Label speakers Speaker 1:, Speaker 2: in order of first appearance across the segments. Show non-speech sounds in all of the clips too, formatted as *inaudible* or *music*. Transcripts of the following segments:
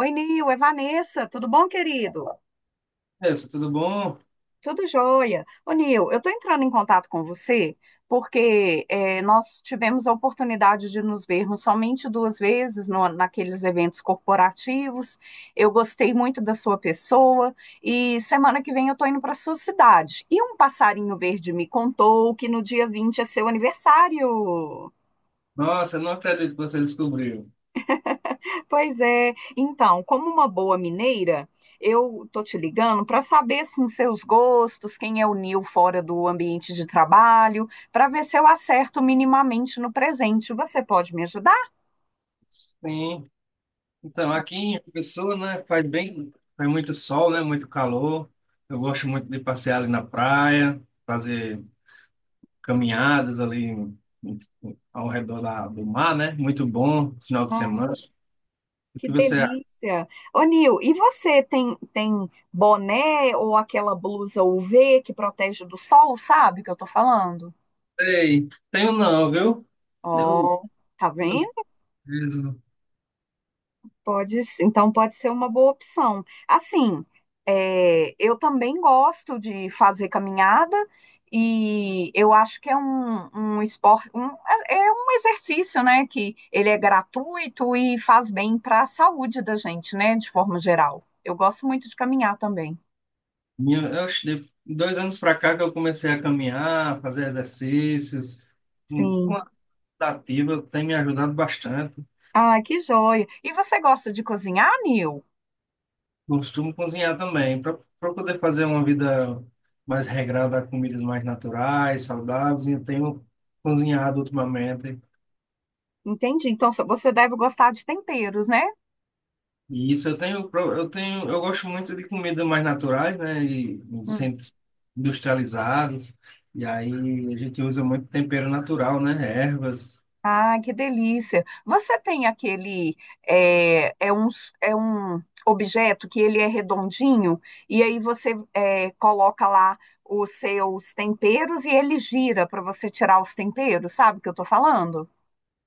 Speaker 1: Oi, Nil, é Vanessa, tudo bom, querido?
Speaker 2: Isso, tudo bom?
Speaker 1: Tudo jóia. Ô, Nil, eu estou entrando em contato com você porque nós tivemos a oportunidade de nos vermos somente duas vezes naqueles eventos corporativos. Eu gostei muito da sua pessoa e semana que vem eu estou indo para sua cidade. E um passarinho verde me contou que no dia 20 é seu aniversário.
Speaker 2: Nossa, eu não acredito que você descobriu.
Speaker 1: Pois é. Então, como uma boa mineira, eu tô te ligando para saber assim, seus gostos, quem é o Nil fora do ambiente de trabalho, para ver se eu acerto minimamente no presente. Você pode me ajudar?
Speaker 2: Sim. Então, aqui em Pessoa, né, faz bem, faz muito sol, né, muito calor. Eu gosto muito de passear ali na praia, fazer caminhadas ali em- ao redor da, do mar, né? Muito bom, final de
Speaker 1: Ah,
Speaker 2: semana. O
Speaker 1: que
Speaker 2: que você acha?
Speaker 1: delícia! Ô, Nil, e você tem boné ou aquela blusa UV que protege do sol, sabe o que eu tô falando?
Speaker 2: Ei, tenho não, viu? Eu,
Speaker 1: Ó, tá vendo?
Speaker 2: eu,
Speaker 1: Pode, então pode ser uma boa opção. Assim, é, eu também gosto de fazer caminhada e eu acho que é um esporte, é um exercício, né? Que ele é gratuito e faz bem para a saúde da gente, né? De forma geral. Eu gosto muito de caminhar também.
Speaker 2: eu acho que de 2 anos para cá que eu comecei a caminhar, fazer exercícios.
Speaker 1: Sim.
Speaker 2: Ativa tem me ajudado bastante.
Speaker 1: Ah, que joia. E você gosta de cozinhar, Nil?
Speaker 2: Costumo cozinhar também, para poder fazer uma vida mais regrada, comidas mais naturais, saudáveis. Eu tenho cozinhado ultimamente.
Speaker 1: Entendi. Então você deve gostar de temperos, né?
Speaker 2: E isso eu tenho, eu gosto muito de comidas mais naturais, né, e sem industrializados. E aí a gente usa muito tempero natural, né, ervas.
Speaker 1: Ah, que delícia! Você tem aquele é, é um, é um objeto que ele é redondinho e aí você coloca lá os seus temperos e ele gira para você tirar os temperos, sabe o que eu tô falando?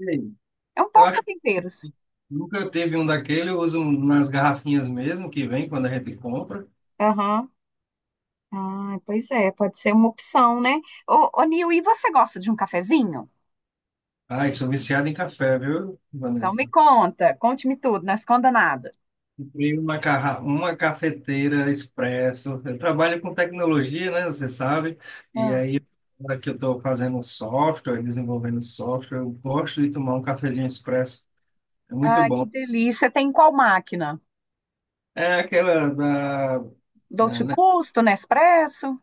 Speaker 2: E aí,
Speaker 1: É um
Speaker 2: eu acho
Speaker 1: porta-temperos.
Speaker 2: que nunca teve um daquele, eu uso nas garrafinhas mesmo que vem quando a gente compra.
Speaker 1: Aham. Ah, pois é, pode ser uma opção, né? Ô Nil, e você gosta de um cafezinho?
Speaker 2: Ai, sou viciado em café, viu,
Speaker 1: Então me
Speaker 2: Vanessa?
Speaker 1: conta, conte-me tudo, não esconda nada.
Speaker 2: Comprei uma, uma cafeteira expresso. Eu trabalho com tecnologia, né? Você sabe. E
Speaker 1: Ah.
Speaker 2: aí, agora que eu estou fazendo software, desenvolvendo software, eu gosto de tomar um cafezinho expresso. É muito
Speaker 1: Ai, que
Speaker 2: bom.
Speaker 1: delícia! Tem qual máquina?
Speaker 2: É aquela da
Speaker 1: Dolce
Speaker 2: é,
Speaker 1: Gusto, Nespresso?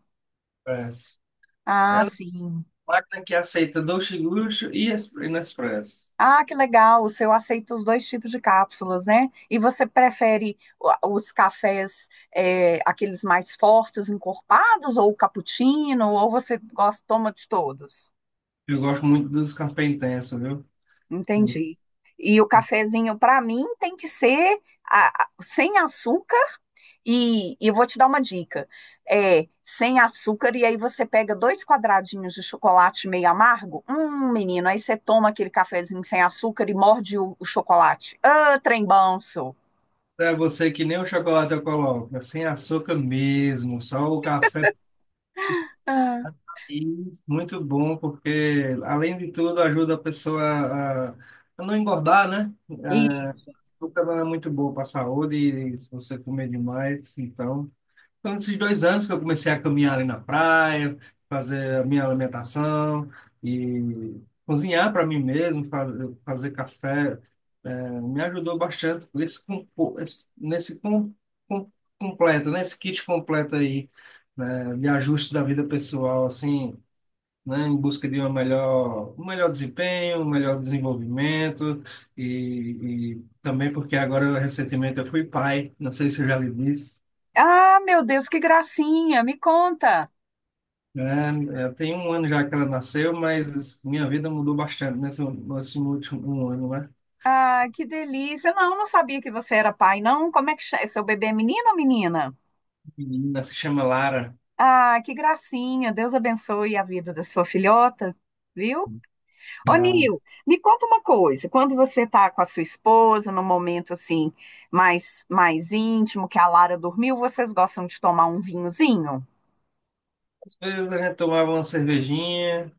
Speaker 2: Nespresso.
Speaker 1: Ah,
Speaker 2: É uma
Speaker 1: sim.
Speaker 2: máquina que aceita Dolce Gusto e Nespresso.
Speaker 1: Ah, que legal. O seu aceita os dois tipos de cápsulas, né? E você prefere os cafés, aqueles mais fortes, encorpados, ou o cappuccino, ou você gosta, toma de todos?
Speaker 2: Eu gosto muito dos cafés intenso viu?
Speaker 1: Entendi. E o cafezinho, para mim, tem que ser sem açúcar. E eu vou te dar uma dica. É, sem açúcar, e aí você pega dois quadradinhos de chocolate meio amargo. Menino, aí você toma aquele cafezinho sem açúcar e morde o chocolate. Ah, trem bom, sou.
Speaker 2: É, você que nem o chocolate eu coloco, é sem açúcar mesmo, só o café.
Speaker 1: Ah,
Speaker 2: E muito bom, porque além de tudo ajuda a pessoa a não engordar, né? A,
Speaker 1: isso.
Speaker 2: açúcar não é muito bom para a saúde, e se você comer demais, então. Então esses 2 anos que eu comecei a caminhar ali na praia, fazer a minha alimentação e cozinhar para mim mesmo, fazer café. É, me ajudou bastante com esse, compo- esse- nesse com- completo, nesse kit completo aí, né, de ajuste da vida pessoal, assim, né, em busca de uma melhor, um melhor desempenho, um melhor desenvolvimento e também porque agora recentemente eu fui pai, não sei se eu já lhe disse.
Speaker 1: Ah, meu Deus, que gracinha! Me conta.
Speaker 2: Eu tenho 1 ano já que ela nasceu, mas minha vida mudou bastante nesse último 1 ano, né?
Speaker 1: Ah, que delícia. Não, não sabia que você era pai, não. Como é que chama? Seu bebê é menino ou menina?
Speaker 2: A menina se chama Lara.
Speaker 1: Ah, que gracinha. Deus abençoe a vida da sua filhota, viu? Ô,
Speaker 2: Ah,
Speaker 1: Nil, me conta uma coisa. Quando você tá com a sua esposa, num momento assim mais íntimo, que a Lara dormiu, vocês gostam de tomar um vinhozinho?
Speaker 2: às vezes a gente tomava uma cervejinha,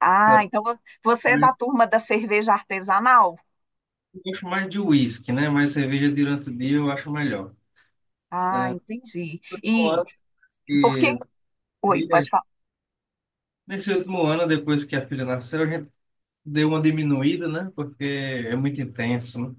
Speaker 1: Ah,
Speaker 2: sabe?
Speaker 1: então você é
Speaker 2: Mas
Speaker 1: da turma da cerveja artesanal?
Speaker 2: eu gosto mais de uísque, né? Mas cerveja durante o dia eu acho melhor.
Speaker 1: Ah,
Speaker 2: Ah,
Speaker 1: entendi.
Speaker 2: nesse último
Speaker 1: E
Speaker 2: ano
Speaker 1: por que?
Speaker 2: que-
Speaker 1: Oi, pode
Speaker 2: filha-
Speaker 1: falar.
Speaker 2: nesse último ano, depois que a filha nasceu, a gente deu uma diminuída, né? Porque é muito intenso, né?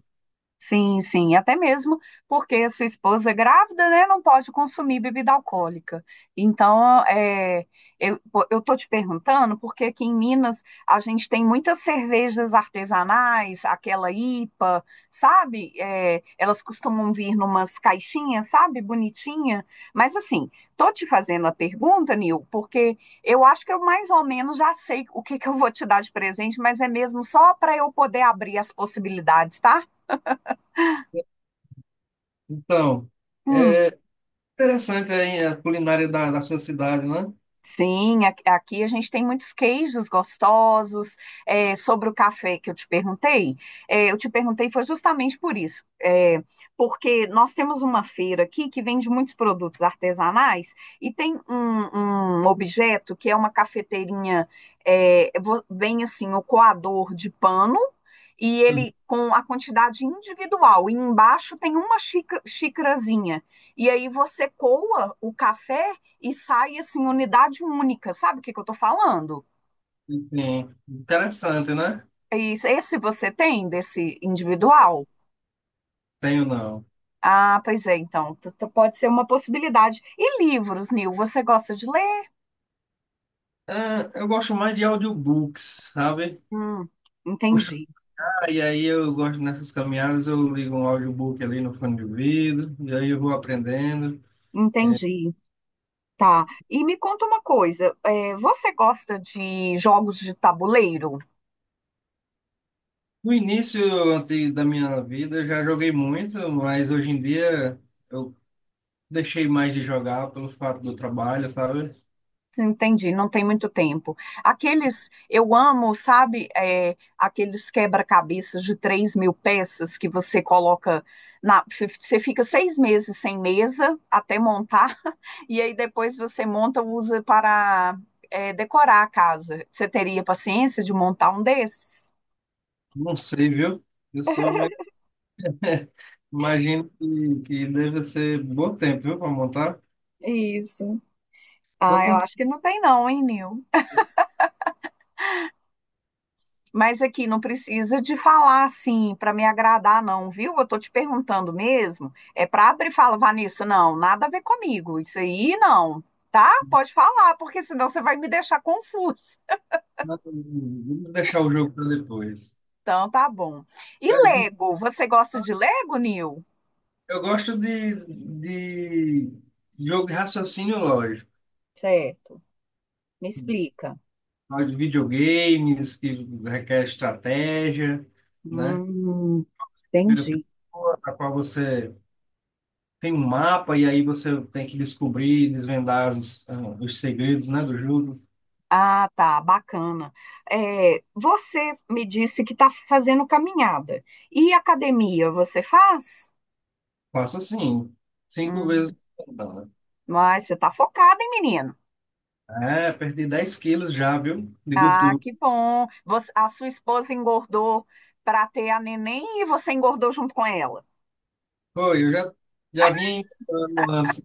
Speaker 1: Sim, sim, até mesmo porque a sua esposa é grávida, né, não pode consumir bebida alcoólica. Então, eu, pô, eu tô te perguntando porque aqui em Minas a gente tem muitas cervejas artesanais, aquela IPA, sabe? É, elas costumam vir numas caixinhas, sabe? Bonitinha. Mas assim, tô te fazendo a pergunta, Nil, porque eu acho que eu mais ou menos já sei o que que eu vou te dar de presente, mas é mesmo só para eu poder abrir as possibilidades, tá?
Speaker 2: Então, é interessante aí a culinária da, da sua cidade, né?
Speaker 1: Sim, aqui a gente tem muitos queijos gostosos. É, sobre o café que eu te perguntei, eu te perguntei foi justamente por isso, porque nós temos uma feira aqui que vende muitos produtos artesanais e tem um objeto que é uma cafeteirinha, vem assim o coador de pano e ele com a quantidade individual e embaixo tem uma xícarazinha e aí você coa o café e sai assim, unidade única. Sabe o que que eu tô falando?
Speaker 2: Sim, interessante, né?
Speaker 1: E esse você tem desse individual?
Speaker 2: Tenho não.
Speaker 1: Ah, pois é, então pode ser uma possibilidade. E livros, Nil, você gosta de ler?
Speaker 2: É, eu gosto mais de audiobooks, sabe?
Speaker 1: Hum,
Speaker 2: Puxa,
Speaker 1: entendi,
Speaker 2: e aí eu gosto nessas caminhadas, eu ligo um audiobook ali no fone de ouvido, e aí eu vou aprendendo.
Speaker 1: entendi. Tá. E me conta uma coisa, você gosta de jogos de tabuleiro?
Speaker 2: No início antes da minha vida, eu já joguei muito, mas hoje em dia eu deixei mais de jogar pelo fato do trabalho, sabe?
Speaker 1: Entendi, não tem muito tempo. Aqueles, eu amo, sabe, aqueles quebra-cabeças de 3.000 peças que você coloca na. Você fica 6 meses sem mesa até montar, *laughs* e aí depois você monta, usa para decorar a casa. Você teria paciência de montar um desses?
Speaker 2: Não sei, viu? Eu sou meio... *laughs* Imagino que deve ser bom tempo, viu, para montar.
Speaker 1: Isso.
Speaker 2: Vou
Speaker 1: Ah, eu
Speaker 2: com
Speaker 1: acho que não tem, não, hein, Nil? Mas aqui não precisa de falar assim para me agradar, não, viu? Eu tô te perguntando mesmo. É para abrir e falar, Vanessa, não, nada a ver comigo. Isso aí não, tá? Pode falar, porque senão você vai me deixar confusa.
Speaker 2: não, vamos deixar o jogo para depois.
Speaker 1: Então tá bom. E
Speaker 2: Mas
Speaker 1: Lego? Você gosta de Lego, Nil?
Speaker 2: eu gosto de jogo de raciocínio lógico,
Speaker 1: Certo. Me explica.
Speaker 2: de videogames que requer estratégia, né?
Speaker 1: Hum,
Speaker 2: Primeira
Speaker 1: entendi.
Speaker 2: pessoa, a qual você tem um mapa e aí você tem que descobrir, desvendar os, ah, os segredos, né, do jogo.
Speaker 1: Ah, tá, bacana. É, você me disse que está fazendo caminhada. E academia, você faz?
Speaker 2: Faço assim, 5 vezes por semana.
Speaker 1: Mas você tá focada, hein, menino?
Speaker 2: É, perdi 10 quilos já, viu? De
Speaker 1: Ah,
Speaker 2: gordura.
Speaker 1: que bom. A sua esposa engordou para ter a neném e você engordou junto com ela.
Speaker 2: Foi, eu já, já vinha encontrando antes,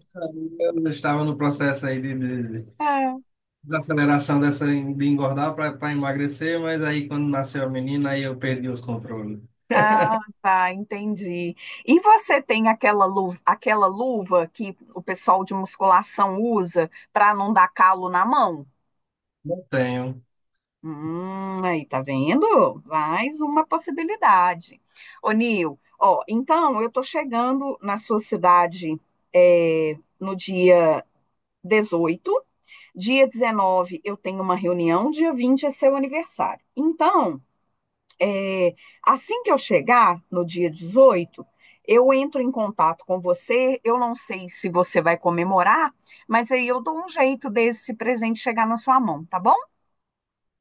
Speaker 2: eu estava no processo aí de
Speaker 1: Ah,
Speaker 2: desaceleração dessa, de engordar para emagrecer, mas aí quando nasceu a menina, aí eu perdi os controles.
Speaker 1: ah, tá, entendi. E você tem aquela luva que o pessoal de musculação usa para não dar calo na mão?
Speaker 2: Não tenho.
Speaker 1: Aí tá vendo? Mais uma possibilidade. Ô, Nil, ó, então eu tô chegando na sua cidade no dia 18. Dia 19 eu tenho uma reunião, dia 20 é seu aniversário. Então, é, assim que eu chegar no dia 18 eu entro em contato com você. Eu não sei se você vai comemorar, mas aí eu dou um jeito desse presente chegar na sua mão, tá bom?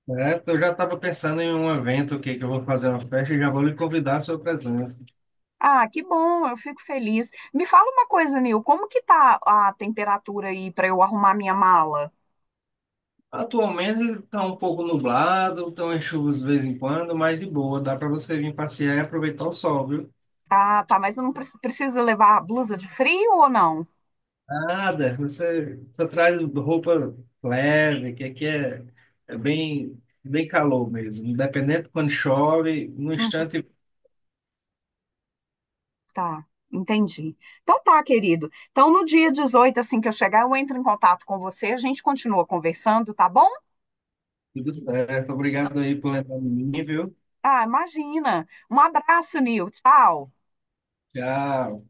Speaker 2: É, eu já estava pensando em um evento que eu vou fazer uma festa e já vou lhe convidar à sua presença.
Speaker 1: Ah, que bom, eu fico feliz. Me fala uma coisa, Nil, como que tá a temperatura aí para eu arrumar minha mala?
Speaker 2: Atualmente está um pouco nublado, estão em chuvas de vez em quando, mas de boa, dá para você vir passear e aproveitar o sol, viu?
Speaker 1: Ah, tá, mas eu não preciso levar blusa de frio ou não?
Speaker 2: Nada, você só traz roupa leve, que aqui é bem, bem calor mesmo. Independente de quando chove, no instante
Speaker 1: Tá, entendi. Então tá, querido. Então no dia 18 assim que eu chegar, eu entro em contato com você, a gente continua conversando, tá bom?
Speaker 2: tudo certo. Obrigado aí por lembrar de mim, viu?
Speaker 1: Ah, imagina. Um abraço, Nil. Tchau.
Speaker 2: Tchau.